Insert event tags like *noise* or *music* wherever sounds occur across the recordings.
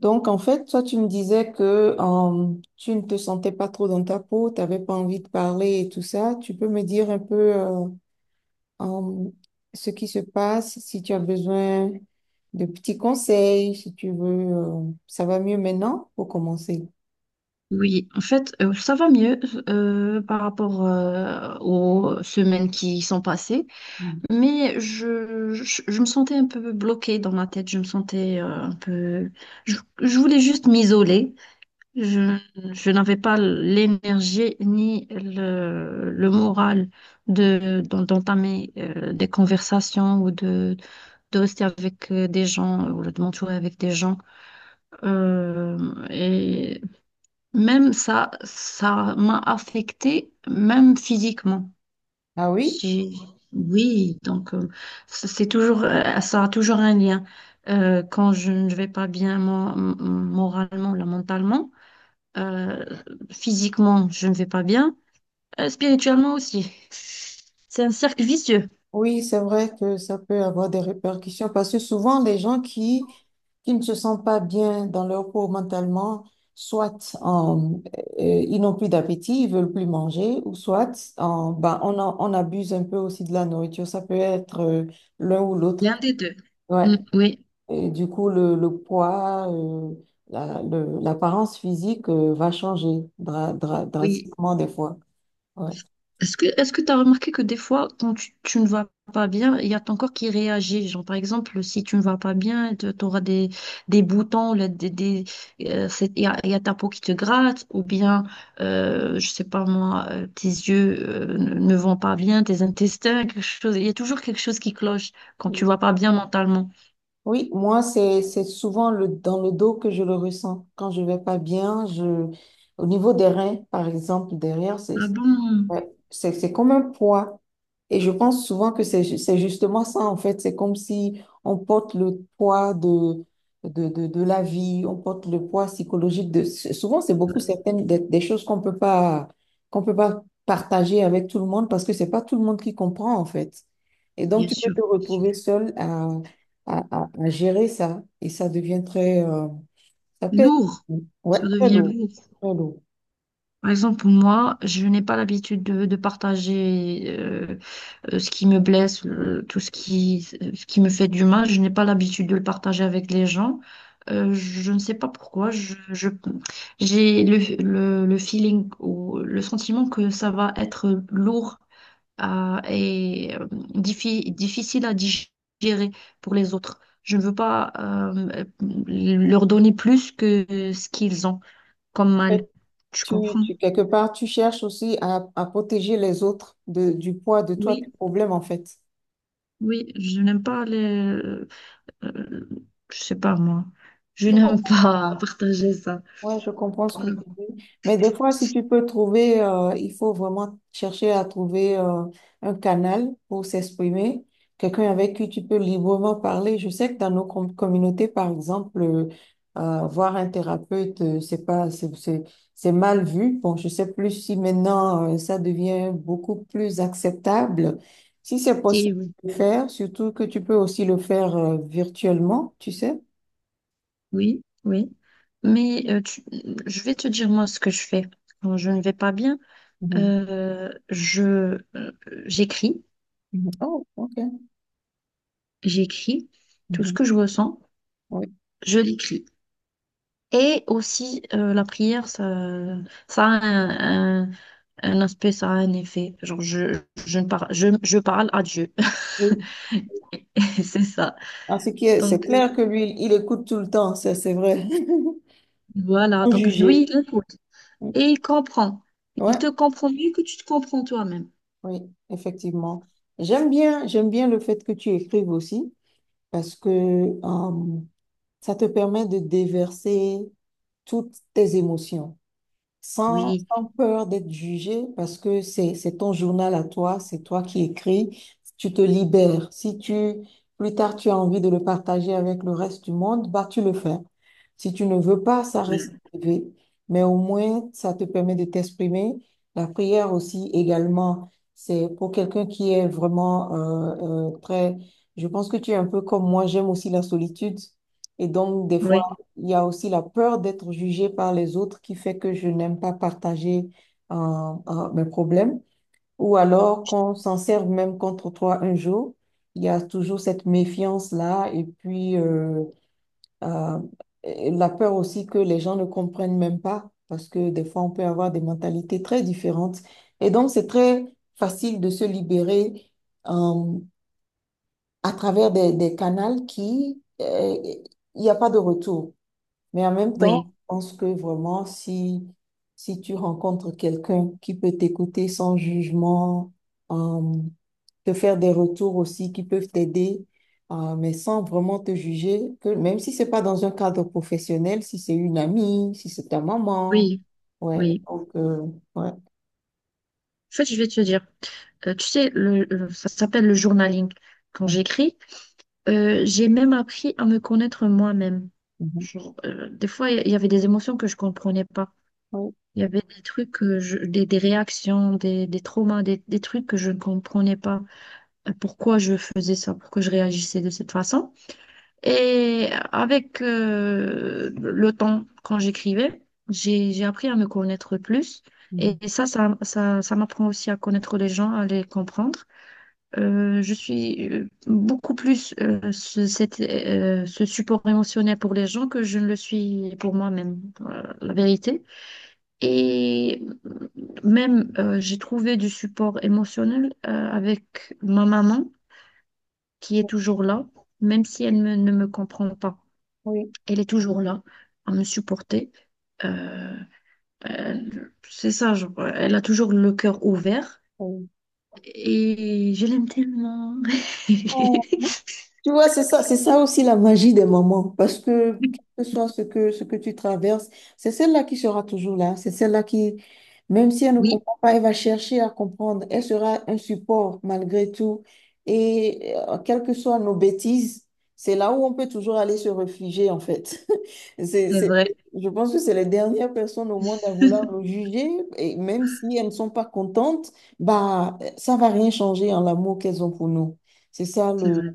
Donc, en fait, toi, tu me disais que tu ne te sentais pas trop dans ta peau, tu n'avais pas envie de parler et tout ça. Tu peux me dire un peu euh, ce qui se passe, si tu as besoin de petits conseils, si tu veux, ça va mieux maintenant pour commencer. Oui, en fait, ça va mieux par rapport aux semaines qui sont passées, Mm. mais je me sentais un peu bloquée dans ma tête, je me sentais un peu... Je voulais juste m'isoler, je, je n'avais pas l'énergie ni le moral d'entamer des conversations ou de rester avec des gens ou de m'entourer avec des gens. Euh, et Même ça, ça m'a affectée, même physiquement. Ah oui? J'ai- Oui, donc, c'est toujours, ça a toujours un lien. Quand je ne vais pas bien moralement, là, mentalement, euh, physiquement, je ne vais pas bien, spirituellement aussi. C'est un cercle vicieux. Oui, c'est vrai que ça peut avoir des répercussions parce que souvent les gens qui ne se sentent pas bien dans leur peau mentalement, soit ils n'ont plus d'appétit, ils veulent plus manger, ou soit ben, on, on abuse un peu aussi de la nourriture. Ça peut être l'un ou l'autre. L'un des deux. Mm, Ouais. oui, Et du coup, le poids, l'apparence physique va changer oui. drastiquement des fois. Ouais. Est-ce que tu as remarqué que des fois, quand tu ne vas pas bien, il y a ton corps qui réagit. Genre, par exemple, si tu ne vas pas bien, tu auras des boutons, là, il y a ta peau qui te gratte, ou bien, je sais pas moi, tes yeux ne vont pas bien, tes intestins, quelque chose. Il y a toujours quelque chose qui cloche quand tu vas pas bien mentalement. Oui, moi, c'est souvent le, dans le dos que je le ressens. Quand je vais pas bien, je, au niveau des reins, par exemple, derrière, c'est, Ah bon? ouais, c'est comme un poids. Et je pense souvent que c'est c'est justement ça, en fait. C'est comme si on porte le poids de la vie, on porte le poids psychologique de... Souvent, c'est beaucoup certaines des choses qu'on peut pas partager avec tout le monde parce que c'est pas tout le monde qui comprend, en fait. Et donc, Bien tu peux sûr, te bien sûr. retrouver seul à gérer ça. Et ça devient très... ça peut être... Lourd. Ouais, Ça très devient lourd. lourd. Très lourd. Par exemple, moi, je n'ai pas l'habitude de partager. Ce qui me blesse, tout ce qui me fait du mal, je n'ai pas l'habitude de le partager avec les gens. Je ne sais pas pourquoi, j'ai le feeling ou le sentiment que ça va être lourd et difficile à digérer pour les autres. Je ne veux pas leur donner plus que ce qu'ils ont comme mal. Tu Tu, comprends? Quelque part, tu cherches aussi à protéger les autres de, du poids de toi, tes Oui, problèmes, en fait. oui, je n'aime pas les, euh, je sais pas moi. Je Je n'aime pas *laughs* partager ça. Ouais, je comprends ce Pour que tu nous. dis. Mais des fois, si tu peux trouver, il faut vraiment chercher à trouver un canal pour s'exprimer, quelqu'un avec qui tu peux librement parler. Je sais que dans nos communautés, par exemple, voir un thérapeute, c'est pas, c'est mal vu. Bon, je sais plus si maintenant, ça devient beaucoup plus acceptable. Si c'est possible Si, oui, de le faire, surtout que tu peux aussi le faire virtuellement, tu sais. oui, oui. Mais je vais te dire moi ce que je fais. Quand je ne vais pas bien, Mhm. Je euh, j'écris, Mhm. Oh, ok. j'écris tout ce que Mhm. je ressens, je l'écris. Et aussi, la prière, ça a un aspect, ça a un effet. Genre je ne parle, je parle à Dieu. Oui. *laughs* C'est ça. En ce qui est, c'est Donc euh, clair que lui, il écoute tout le temps, ça c'est vrai. *laughs* voilà. Sans Donc lui, juger. il écoute et il comprend. Il Ouais, te comprend mieux que tu te comprends toi-même. oui, effectivement. J'aime bien le fait que tu écrives aussi parce que ça te permet de déverser toutes tes émotions. Sans, Oui, sans peur d'être jugé, parce que c'est ton journal à toi, c'est toi qui écris, tu te libères. Si tu, plus tard, tu as envie de le partager avec le reste du monde, bah, tu le fais. Si tu ne veux pas, ça voilà. reste privé. Mais au moins, ça te permet de t'exprimer. La prière aussi, également, c'est pour quelqu'un qui est vraiment très... Je pense que tu es un peu comme moi, j'aime aussi la solitude. Et donc, des fois, oui, il y a aussi la peur d'être jugée par les autres qui fait que je n'aime pas partager mes problèmes. Ou alors qu'on je- s'en serve même contre toi un jour. Il y a toujours cette méfiance-là et puis euh, et la peur aussi que les gens ne comprennent même pas parce que des fois on peut avoir des mentalités très différentes. Et donc c'est très facile de se libérer euh, à travers des canaux qui, il n'y a pas de retour. Mais en même temps, oui, je pense que vraiment, si, si tu rencontres quelqu'un qui peut t'écouter sans jugement, euh, te faire des retours aussi qui peuvent t'aider, mais sans vraiment te juger, que même si c'est pas dans un cadre professionnel, si c'est une amie, si c'est ta maman, oui, ouais, oui. donc, ouais. En fait, je vais te dire, tu sais, ça s'appelle le journaling. Quand j'écris, j'ai même appris à me connaître moi-même. Mhm. Genre, des fois, il y avait des émotions que je comprenais pas. Oui, Il y avait des trucs, des réactions, des traumas, des trucs que je ne comprenais pas. Pourquoi je faisais ça, pourquoi je réagissais de cette façon. Et avec le temps, quand j'écrivais, j'ai appris à me connaître plus. Et mhm. Ça m'apprend aussi à connaître les gens, à les comprendre. Je suis, beaucoup plus, ce support émotionnel pour les gens que je ne le suis pour moi-même, la vérité. Et même, j'ai trouvé du support émotionnel avec ma maman, qui est toujours là, même si ne me comprend pas. Oui, Elle est toujours là à me supporter. Euh, c'est ça, genre, elle a toujours le cœur ouvert oui. et je l'aime tellement. Oh. *laughs* Tu vois, c'est ça aussi la magie des mamans, parce que quel que soit ce que tu traverses, c'est celle-là qui sera toujours là, c'est celle-là qui, même si elle ne Oui, comprend pas, elle va chercher à comprendre, elle sera un support malgré tout, et quelles que soient nos bêtises, c'est là où on peut toujours aller se réfugier, en fait. *laughs* C'est, c'est vrai, je pense que c'est les dernières personnes au monde à vouloir *laughs* nous juger, et même si elles ne sont pas contentes, bah, ça va rien changer en l'amour qu'elles ont pour nous. C'est ça c'est le... vrai,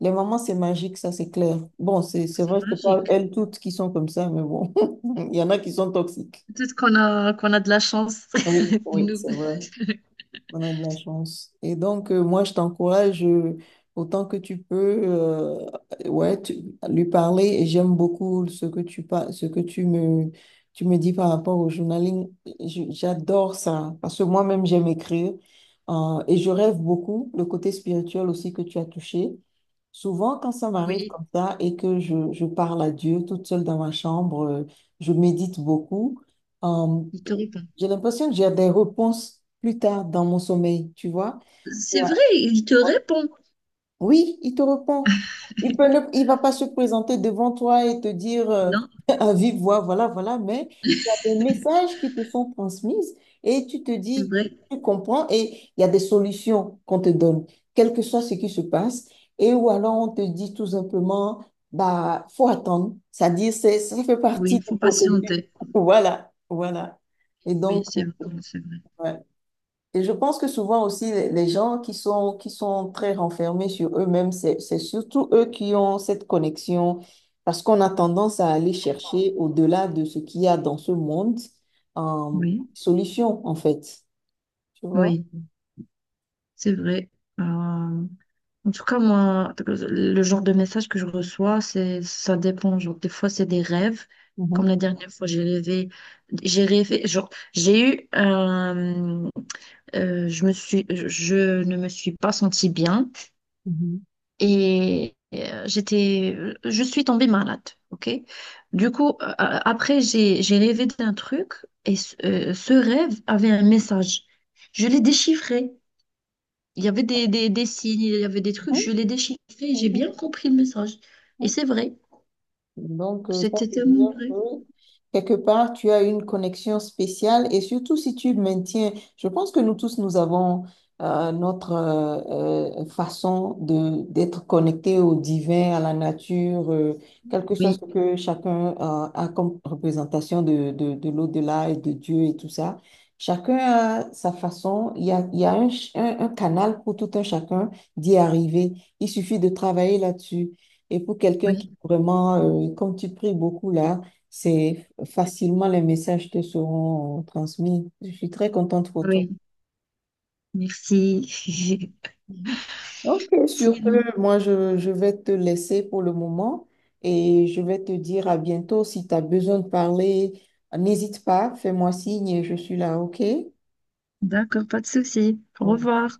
Les mamans, c'est magique, ça, c'est clair. Bon, c'est c'est vrai que c'est pas magique. elles toutes qui sont comme ça, mais bon, *laughs* il y en a qui sont toxiques. Peut-être qu'on a de la chance, Oui, *laughs* oui, nous. c'est vrai. On a de la chance. Et donc, moi, je t'encourage autant que tu peux, ouais, lui parler. Et j'aime beaucoup ce que tu, ce que tu me dis par rapport au journaling. J'adore ça parce que moi-même, j'aime écrire. Et je rêve beaucoup, le côté spirituel aussi que tu as touché. Souvent, quand ça m'arrive Oui, comme ça et que je parle à Dieu toute seule dans ma chambre, je médite beaucoup. Euh, il te répond. j'ai l'impression que j'ai des réponses plus tard dans mon sommeil, tu vois. Et, C'est vrai, il te répond. oui, il te répond. Il peut il va pas se présenter devant toi et te dire Non, *laughs* à vive voix, voilà, voilà, mais il y a des messages qui te sont transmises et tu te c'est dis, vrai. tu comprends et il y a des solutions qu'on te donne, quel que soit ce qui se passe. Et ou alors on te dit tout simplement, bah, faut attendre. C'est-à-dire, c'est, ça fait Oui, partie il du faut processus. *laughs* patienter. Voilà, voilà. Et Oui, donc, c'est vrai, c'est vrai. ouais. Et je pense que souvent aussi, les gens qui sont très renfermés sur eux-mêmes, c'est surtout eux qui ont cette connexion, parce qu'on a tendance à aller chercher au-delà de ce qu'il y a dans ce monde, euh, Oui, solution, en fait. Tu vois? oui, c'est vrai. Euh, En tout cas, moi, le genre de message que je reçois, c'est, ça dépend. Genre, des fois, c'est des rêves. Comme la Mhm, dernière fois, j'ai rêvé, genre, j'ai eu un, je ne me suis pas sentie bien mhm, et j'étais, je suis tombée malade, ok? Du coup, après, j'ai rêvé d'un truc et ce rêve avait un message. Je l'ai déchiffré. Il y avait des signes, il y avait des trucs, mhm, je l'ai déchiffré, et j'ai mhm, bien compris le message. Et mhm. c'est vrai, Donc, ça c'était veut tellement dire que vrai. quelque part, tu as une connexion spéciale et surtout si tu maintiens, je pense que nous tous, nous avons notre façon de d'être connectés au divin, à la nature, quel que soit Oui, ce que chacun a comme représentation de l'au-delà et de Dieu et tout ça. Chacun a sa façon, il y a un, un canal pour tout un chacun d'y arriver. Il suffit de travailler là-dessus. Et pour quelqu'un qui oui, vraiment, comme tu pries beaucoup là, c'est facilement les messages te seront transmis. Je suis très contente pour toi. oui, merci. Mhm. *laughs* Ok, sur Si, ce, moi je vais te laisser pour le moment et je vais te dire à bientôt. Si tu as besoin de parler, n'hésite pas, fais-moi signe et je suis là, ok? d'accord, pas de souci. Au Au revoir.